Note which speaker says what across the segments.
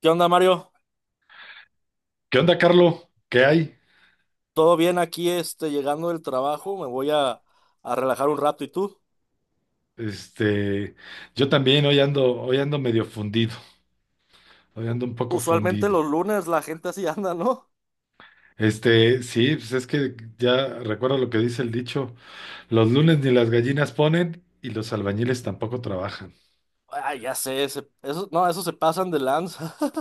Speaker 1: ¿Qué onda, Mario?
Speaker 2: ¿Qué onda, Carlo? ¿Qué hay?
Speaker 1: ¿Todo bien aquí, llegando del trabajo? Me voy a relajar un rato. ¿Y tú?
Speaker 2: Este, yo también hoy ando medio fundido, hoy ando un poco
Speaker 1: Usualmente
Speaker 2: fundido.
Speaker 1: los lunes la gente así anda, ¿no?
Speaker 2: Sí, pues es que ya recuerdo lo que dice el dicho, los lunes ni las gallinas ponen y los albañiles tampoco trabajan.
Speaker 1: Ay, ya sé, eso, no, eso se pasan de lanza.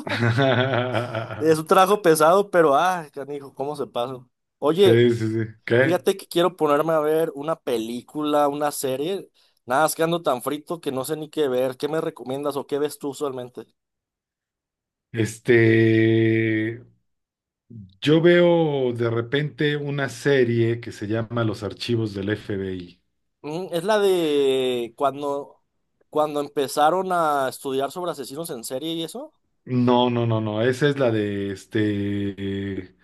Speaker 1: Es un trabajo pesado, pero, ay, canijo, ¿cómo se pasan? Oye,
Speaker 2: Sí, sí, sí. ¿Qué?
Speaker 1: fíjate que quiero ponerme a ver una película, una serie. Nada, es que ando tan frito que no sé ni qué ver. ¿Qué me recomiendas o qué ves tú usualmente?
Speaker 2: Este, yo veo de repente una serie que se llama Los Archivos del FBI.
Speaker 1: Mm, es la de cuando empezaron a estudiar sobre asesinos en serie y eso.
Speaker 2: No, no, no, no, esa es la de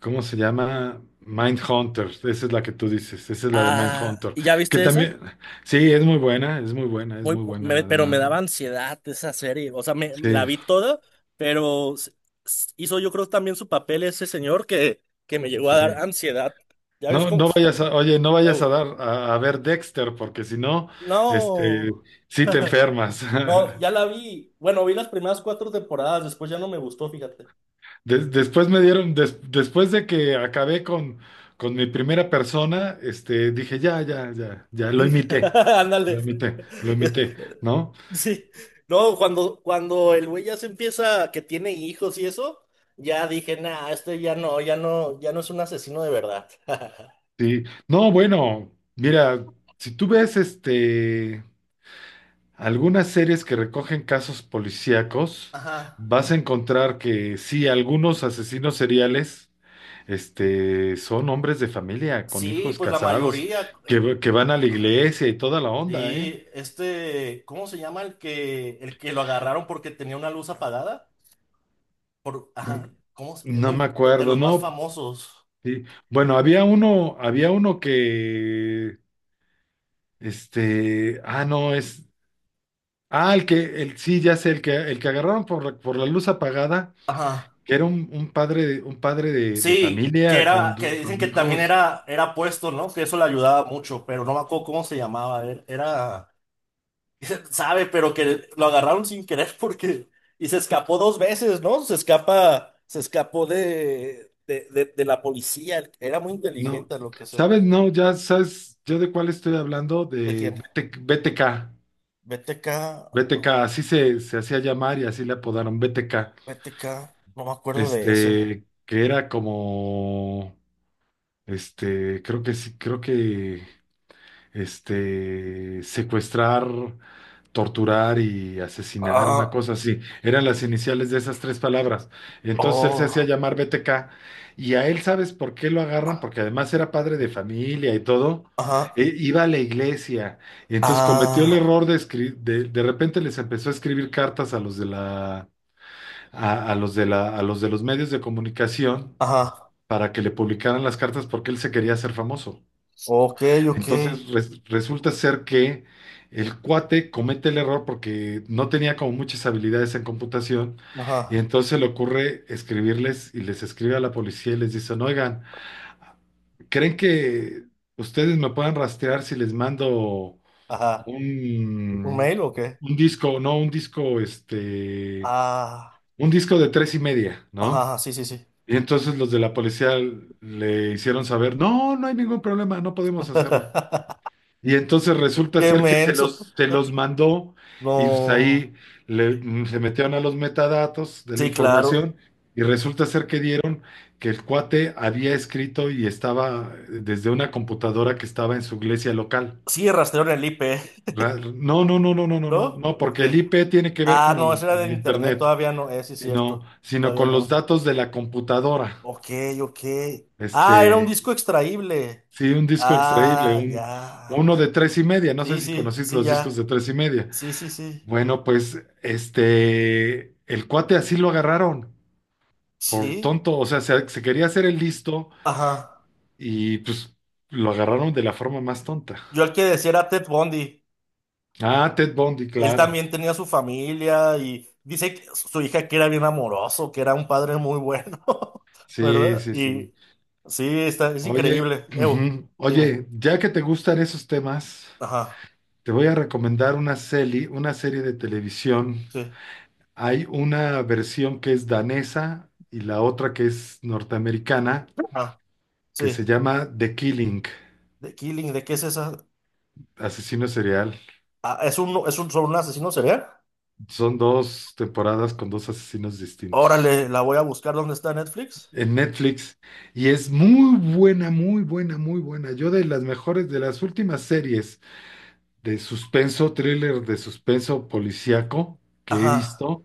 Speaker 2: ¿Cómo se llama? Mindhunter, esa es la que tú dices, esa es la de
Speaker 1: Ah,
Speaker 2: Mindhunter,
Speaker 1: ¿y ya
Speaker 2: que
Speaker 1: viste
Speaker 2: también,
Speaker 1: esa?
Speaker 2: sí, es muy buena, es muy buena, es muy buena la de
Speaker 1: Pero me daba
Speaker 2: Mind,
Speaker 1: ansiedad esa serie. O sea, me
Speaker 2: sí,
Speaker 1: la vi toda, pero hizo yo creo también su papel ese señor que me llegó a dar
Speaker 2: sí.
Speaker 1: ansiedad. Ya ves
Speaker 2: No,
Speaker 1: cómo.
Speaker 2: no vayas a, oye, no vayas a
Speaker 1: Ew.
Speaker 2: dar a ver Dexter, porque si no,
Speaker 1: No.
Speaker 2: este, sí te enfermas.
Speaker 1: No, ya la vi. Bueno, vi las primeras cuatro temporadas, después ya no me gustó, fíjate.
Speaker 2: Después me dieron, después de que acabé con mi primera persona, dije, ya, lo imité,
Speaker 1: Ándale.
Speaker 2: lo imité, ¿no?
Speaker 1: Sí. No, cuando el güey ya se empieza, que tiene hijos y eso, ya dije, nah, ya no es un asesino de verdad.
Speaker 2: Sí. No, bueno, mira, si tú ves algunas series que recogen casos policíacos,
Speaker 1: Ajá.
Speaker 2: vas a encontrar que sí, algunos asesinos seriales son hombres de familia, con
Speaker 1: Sí,
Speaker 2: hijos
Speaker 1: pues la
Speaker 2: casados,
Speaker 1: mayoría.
Speaker 2: que van a la iglesia y toda la onda, ¿eh?
Speaker 1: Sí, ¿cómo se llama el que lo agarraron porque tenía una luz apagada? Por,
Speaker 2: Mm,
Speaker 1: ajá,
Speaker 2: no me
Speaker 1: Muy de
Speaker 2: acuerdo,
Speaker 1: los más
Speaker 2: no.
Speaker 1: famosos.
Speaker 2: Sí. Bueno, había uno que, este, ah, no, es. Ah, sí, ya sé, el que agarraron por, por la luz apagada,
Speaker 1: Ajá.
Speaker 2: que era un padre de
Speaker 1: Sí, que
Speaker 2: familia con,
Speaker 1: era, que dicen
Speaker 2: con
Speaker 1: que también
Speaker 2: hijos.
Speaker 1: era puesto, ¿no? Que eso le ayudaba mucho, pero no me acuerdo cómo se llamaba. Sabe, pero que lo agarraron sin querer porque y se escapó dos veces, ¿no? Se escapó de, de la policía. Era muy
Speaker 2: No,
Speaker 1: inteligente, a lo que sé.
Speaker 2: ¿sabes? No, ya sabes, yo de cuál estoy hablando,
Speaker 1: ¿De
Speaker 2: de
Speaker 1: quién?
Speaker 2: BT BTK,
Speaker 1: BTK.
Speaker 2: BTK, así se hacía llamar y así le apodaron BTK.
Speaker 1: BTK. No me acuerdo de ese.
Speaker 2: Que era como, creo que sí, secuestrar, torturar y asesinar, una
Speaker 1: Ah,
Speaker 2: cosa así. Eran las iniciales de esas tres palabras. Entonces él se hacía
Speaker 1: oh.
Speaker 2: llamar BTK y a él, ¿sabes por qué lo agarran? Porque además era padre de familia y todo.
Speaker 1: Ajá.
Speaker 2: Iba a la iglesia y entonces cometió el
Speaker 1: Ah.
Speaker 2: error de escribir, de repente les empezó a escribir cartas a los de la, a los de la, a los de los medios de comunicación
Speaker 1: Ajá.
Speaker 2: para que le publicaran las cartas porque él se quería hacer famoso.
Speaker 1: Ok, ok.
Speaker 2: Entonces resulta ser que el cuate comete el error porque no tenía como muchas habilidades en computación y
Speaker 1: Ajá.
Speaker 2: entonces le ocurre escribirles y les escribe a la policía y les dicen, oigan, ¿creen que ustedes me puedan rastrear si les mando
Speaker 1: Ajá. ¿Un
Speaker 2: un,
Speaker 1: mail o qué?
Speaker 2: un disco, no, un disco,
Speaker 1: Ah.
Speaker 2: un disco de tres y media, ¿no?
Speaker 1: Ajá, sí, sí, sí.
Speaker 2: Y entonces los de la policía le hicieron saber, no, no hay ningún problema, no podemos hacerlo. Y entonces resulta
Speaker 1: Qué
Speaker 2: ser que
Speaker 1: menso.
Speaker 2: se los mandó y pues
Speaker 1: No.
Speaker 2: ahí se metieron a los metadatos de la
Speaker 1: Sí, claro.
Speaker 2: información y resulta ser que dieron que el cuate había escrito y estaba desde una computadora que estaba en su iglesia local.
Speaker 1: Sí, rastreo en el IP,
Speaker 2: No, no, no, no, no, no, no,
Speaker 1: ¿no?
Speaker 2: no,
Speaker 1: ¿O
Speaker 2: porque el
Speaker 1: qué?
Speaker 2: IP tiene que ver
Speaker 1: Ah, no, ese era
Speaker 2: con
Speaker 1: del
Speaker 2: el
Speaker 1: internet,
Speaker 2: internet,
Speaker 1: todavía no. Sí, cierto.
Speaker 2: sino
Speaker 1: Todavía
Speaker 2: con los
Speaker 1: no.
Speaker 2: datos de la computadora.
Speaker 1: Ok, ok. Ah, era un
Speaker 2: Este,
Speaker 1: disco extraíble.
Speaker 2: sí, un disco extraíble,
Speaker 1: Ah,
Speaker 2: un,
Speaker 1: ya.
Speaker 2: uno de tres y media, no sé
Speaker 1: Sí,
Speaker 2: si
Speaker 1: sí,
Speaker 2: conocéis
Speaker 1: sí,
Speaker 2: los discos de
Speaker 1: ya.
Speaker 2: tres y media.
Speaker 1: Sí, sí, sí.
Speaker 2: Bueno, pues el cuate así lo agarraron por
Speaker 1: Sí.
Speaker 2: tonto, o sea, se quería hacer el listo
Speaker 1: Ajá.
Speaker 2: y pues lo agarraron de la forma más tonta.
Speaker 1: Yo el que decía era Ted Bundy.
Speaker 2: Ah, Ted Bundy,
Speaker 1: Él
Speaker 2: claro.
Speaker 1: también tenía su familia y dice que su hija que era bien amoroso, que era un padre muy bueno.
Speaker 2: Sí,
Speaker 1: ¿Verdad?
Speaker 2: sí, sí.
Speaker 1: Y sí, está, es
Speaker 2: Oye,
Speaker 1: increíble. Ew,
Speaker 2: ujú.
Speaker 1: dime.
Speaker 2: Oye, ya que te gustan esos temas,
Speaker 1: Ajá,
Speaker 2: te voy a recomendar una serie de televisión.
Speaker 1: sí,
Speaker 2: Hay una versión que es danesa y la otra que es norteamericana,
Speaker 1: ajá,
Speaker 2: que se
Speaker 1: sí.
Speaker 2: llama The Killing,
Speaker 1: The Killing, ¿de qué es esa?
Speaker 2: asesino serial.
Speaker 1: Ah, es un, sobre un asesino serial?
Speaker 2: Son dos temporadas con dos asesinos distintos
Speaker 1: Órale, la voy a buscar dónde está Netflix.
Speaker 2: en Netflix y es muy buena, muy buena, muy buena. Yo de las mejores, de las últimas series de suspenso, thriller de suspenso policíaco que he
Speaker 1: Ajá.
Speaker 2: visto,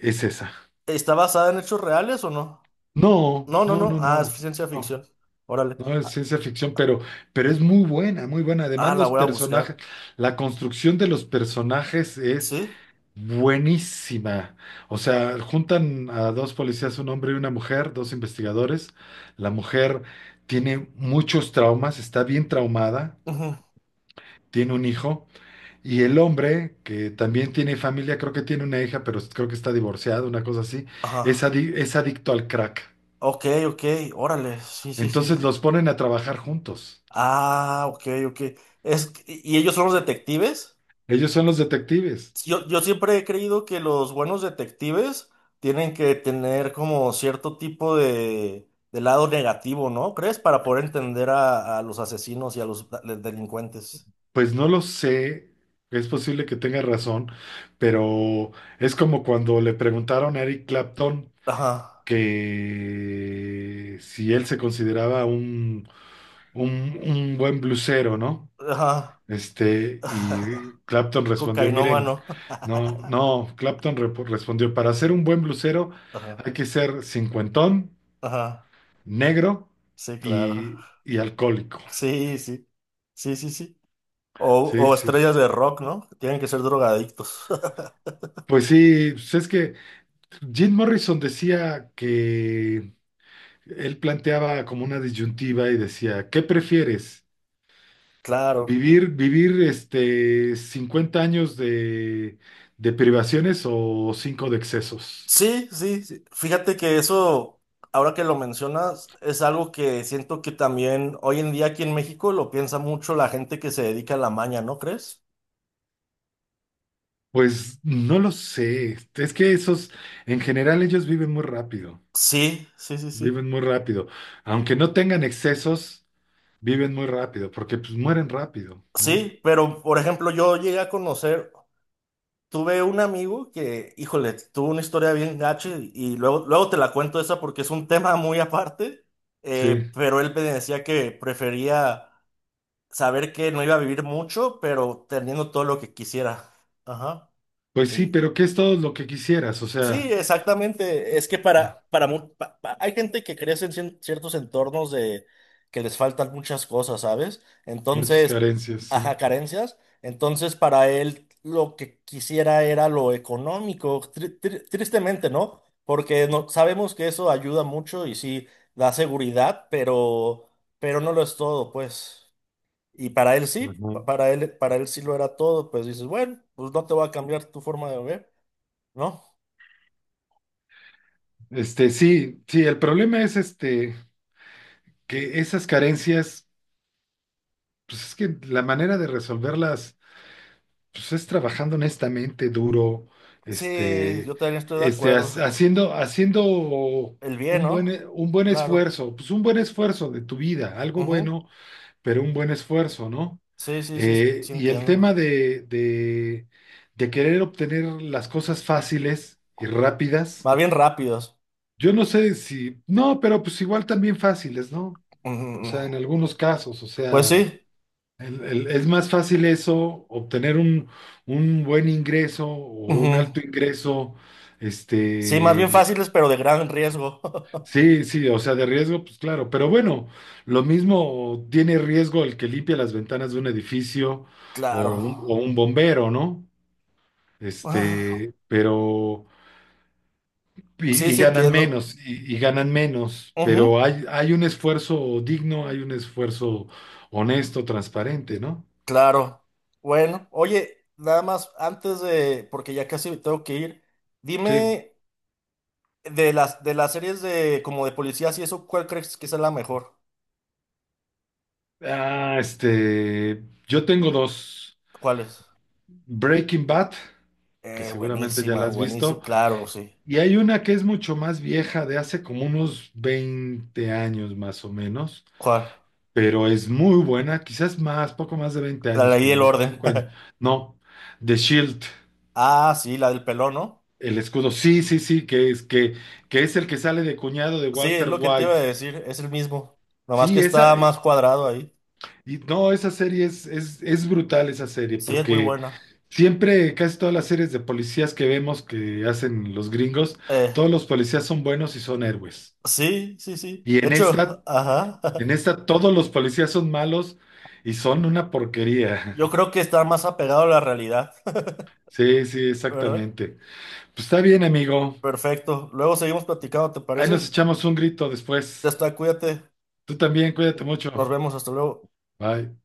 Speaker 2: es esa.
Speaker 1: ¿Está basada en hechos reales o no?
Speaker 2: No,
Speaker 1: No, no,
Speaker 2: no,
Speaker 1: no.
Speaker 2: no, no,
Speaker 1: Ah, es
Speaker 2: no,
Speaker 1: ciencia
Speaker 2: no,
Speaker 1: ficción. Órale.
Speaker 2: no es
Speaker 1: Ah,
Speaker 2: ciencia ficción, pero es muy buena, muy buena. Además,
Speaker 1: ah, la
Speaker 2: los
Speaker 1: voy a
Speaker 2: personajes,
Speaker 1: buscar.
Speaker 2: la construcción de los personajes es
Speaker 1: ¿Sí?
Speaker 2: buenísima. O sea, juntan a dos policías, un hombre y una mujer, dos investigadores. La mujer tiene muchos traumas, está bien traumada,
Speaker 1: Ujú.
Speaker 2: tiene un hijo. Y el hombre, que también tiene familia, creo que tiene una hija, pero creo que está divorciado, una cosa así, es,
Speaker 1: Ajá.
Speaker 2: es adicto al crack.
Speaker 1: Ok, ok. Órale. Sí, sí,
Speaker 2: Entonces
Speaker 1: sí.
Speaker 2: los ponen a trabajar juntos.
Speaker 1: Ah, ok, ok. ¿Y ellos son los detectives?
Speaker 2: Ellos son los detectives.
Speaker 1: Yo siempre he creído que los buenos detectives tienen que tener como cierto tipo de lado negativo, ¿no? ¿Crees? Para poder entender a los asesinos y a los delincuentes.
Speaker 2: Pues no lo sé, es posible que tenga razón, pero es como cuando le preguntaron a Eric Clapton,
Speaker 1: Ajá,
Speaker 2: que si él se consideraba un, un buen blusero, ¿no?
Speaker 1: ajá.
Speaker 2: Y Clapton respondió, miren,
Speaker 1: Cocainómano.
Speaker 2: no, no, Clapton respondió, para ser un buen blusero
Speaker 1: Ajá,
Speaker 2: hay que ser cincuentón,
Speaker 1: ajá.
Speaker 2: negro
Speaker 1: Sí, claro.
Speaker 2: y alcohólico.
Speaker 1: Sí, sí. Sí, sí, sí.
Speaker 2: Sí,
Speaker 1: O
Speaker 2: sí.
Speaker 1: estrellas de rock, ¿no? Tienen que ser drogadictos.
Speaker 2: Pues sí, pues es que Jim Morrison decía que él planteaba como una disyuntiva y decía, ¿qué prefieres?
Speaker 1: Claro.
Speaker 2: Vivir 50 años de privaciones o 5 de excesos.
Speaker 1: Sí, sí, sí. Fíjate que eso, ahora que lo mencionas, es algo que siento que también hoy en día aquí en México lo piensa mucho la gente que se dedica a la maña, ¿no crees?
Speaker 2: Pues no lo sé. Es que esos, en general, ellos viven muy rápido.
Speaker 1: Sí, sí, sí, sí.
Speaker 2: Viven muy rápido. Aunque no tengan excesos, viven muy rápido, porque pues mueren rápido, ¿no?
Speaker 1: Sí, pero por ejemplo, yo llegué a conocer. Tuve un amigo que, híjole, tuvo una historia bien gacha y luego te la cuento esa porque es un tema muy aparte,
Speaker 2: Sí.
Speaker 1: pero él me decía que prefería saber que no iba a vivir mucho, pero teniendo todo lo que quisiera. Ajá.
Speaker 2: Pues sí,
Speaker 1: Y
Speaker 2: pero ¿qué es todo lo que quisieras? O sea,
Speaker 1: sí, exactamente. Es que
Speaker 2: ah,
Speaker 1: para, mu- pa- pa- hay gente que crece en ciertos entornos de que les faltan muchas cosas, ¿sabes?
Speaker 2: muchas
Speaker 1: Entonces,
Speaker 2: carencias, sí.
Speaker 1: ajá, carencias. Entonces, para él lo que quisiera era lo económico, tristemente, ¿no? Porque no, sabemos que eso ayuda mucho y sí da seguridad, pero no lo es todo, pues. Y para él sí,
Speaker 2: Ujú.
Speaker 1: para él sí lo era todo, pues dices, bueno, pues no te voy a cambiar tu forma de ver, ¿no?
Speaker 2: Sí, sí, el problema es este, que esas carencias, pues es que la manera de resolverlas, pues es trabajando honestamente, duro,
Speaker 1: Sí,
Speaker 2: este,
Speaker 1: yo también estoy de
Speaker 2: este, ha-
Speaker 1: acuerdo.
Speaker 2: haciendo, haciendo
Speaker 1: El bien,
Speaker 2: un buen,
Speaker 1: ¿no?
Speaker 2: un buen
Speaker 1: Claro.
Speaker 2: esfuerzo, pues un buen esfuerzo de tu vida, algo
Speaker 1: Ujú.
Speaker 2: bueno, pero un buen esfuerzo, ¿no?
Speaker 1: Sí, sí, sí, sí, sí
Speaker 2: Y el tema
Speaker 1: entiendo.
Speaker 2: de, de querer obtener las cosas fáciles y rápidas,
Speaker 1: Más bien rápidos.
Speaker 2: yo no sé si, no, pero pues igual también fáciles, ¿no? O
Speaker 1: Ujú.
Speaker 2: sea, en algunos casos, o
Speaker 1: Pues
Speaker 2: sea.
Speaker 1: sí.
Speaker 2: Es más fácil eso, obtener un buen ingreso o un
Speaker 1: Ujú.
Speaker 2: alto ingreso,
Speaker 1: Sí, más bien
Speaker 2: este,
Speaker 1: fáciles, pero de gran riesgo.
Speaker 2: sí, sí, o sea, de riesgo, pues claro, pero bueno, lo mismo tiene riesgo el que limpia las ventanas de un edificio
Speaker 1: Claro.
Speaker 2: o un bombero, ¿no?
Speaker 1: Ah,
Speaker 2: Este, pero,
Speaker 1: sí,
Speaker 2: y
Speaker 1: sí
Speaker 2: ganan
Speaker 1: entiendo.
Speaker 2: menos, y ganan menos,
Speaker 1: Ujú.
Speaker 2: pero hay un esfuerzo digno, hay un esfuerzo honesto, transparente, ¿no?
Speaker 1: Claro. Bueno, oye, nada más antes de, porque ya casi me tengo que ir,
Speaker 2: Sí.
Speaker 1: dime de las series de como de policías y eso, ¿cuál crees que es la mejor?
Speaker 2: Ah, yo tengo dos.
Speaker 1: ¿Cuál es?
Speaker 2: Breaking Bad, que seguramente ya
Speaker 1: Buenísima,
Speaker 2: la has
Speaker 1: buenísima,
Speaker 2: visto,
Speaker 1: claro, sí.
Speaker 2: y hay una que es mucho más vieja, de hace como unos 20 años más o menos,
Speaker 1: Joder,
Speaker 2: pero es muy buena, quizás más, poco más de 20
Speaker 1: la
Speaker 2: años,
Speaker 1: ley
Speaker 2: como
Speaker 1: del orden.
Speaker 2: 25 años. No, The Shield,
Speaker 1: Ah, sí, la del pelón, ¿no?
Speaker 2: el escudo, sí, sí, sí, que es el que sale de cuñado de
Speaker 1: Sí, es
Speaker 2: Walter
Speaker 1: lo que te iba a
Speaker 2: White.
Speaker 1: decir, es el mismo. Nomás que
Speaker 2: Sí, esa,
Speaker 1: está más cuadrado ahí.
Speaker 2: y no, esa serie es brutal, esa serie,
Speaker 1: Sí, es muy
Speaker 2: porque...
Speaker 1: buena.
Speaker 2: Siempre, casi todas las series de policías que vemos que hacen los gringos,
Speaker 1: Eh,
Speaker 2: todos los policías son buenos y son héroes.
Speaker 1: sí, sí, sí.
Speaker 2: Y
Speaker 1: De hecho, ajá.
Speaker 2: en esta todos los policías son malos y son una porquería.
Speaker 1: Yo creo que está más apegado a la realidad,
Speaker 2: Sí, sí,
Speaker 1: ¿verdad?
Speaker 2: exactamente. Pues está bien, amigo.
Speaker 1: Perfecto. Luego seguimos platicando, ¿te
Speaker 2: Ahí
Speaker 1: parece?
Speaker 2: nos echamos un grito después.
Speaker 1: Ya está, cuídate.
Speaker 2: Tú también, cuídate
Speaker 1: Nos
Speaker 2: mucho.
Speaker 1: vemos, hasta luego.
Speaker 2: Bye.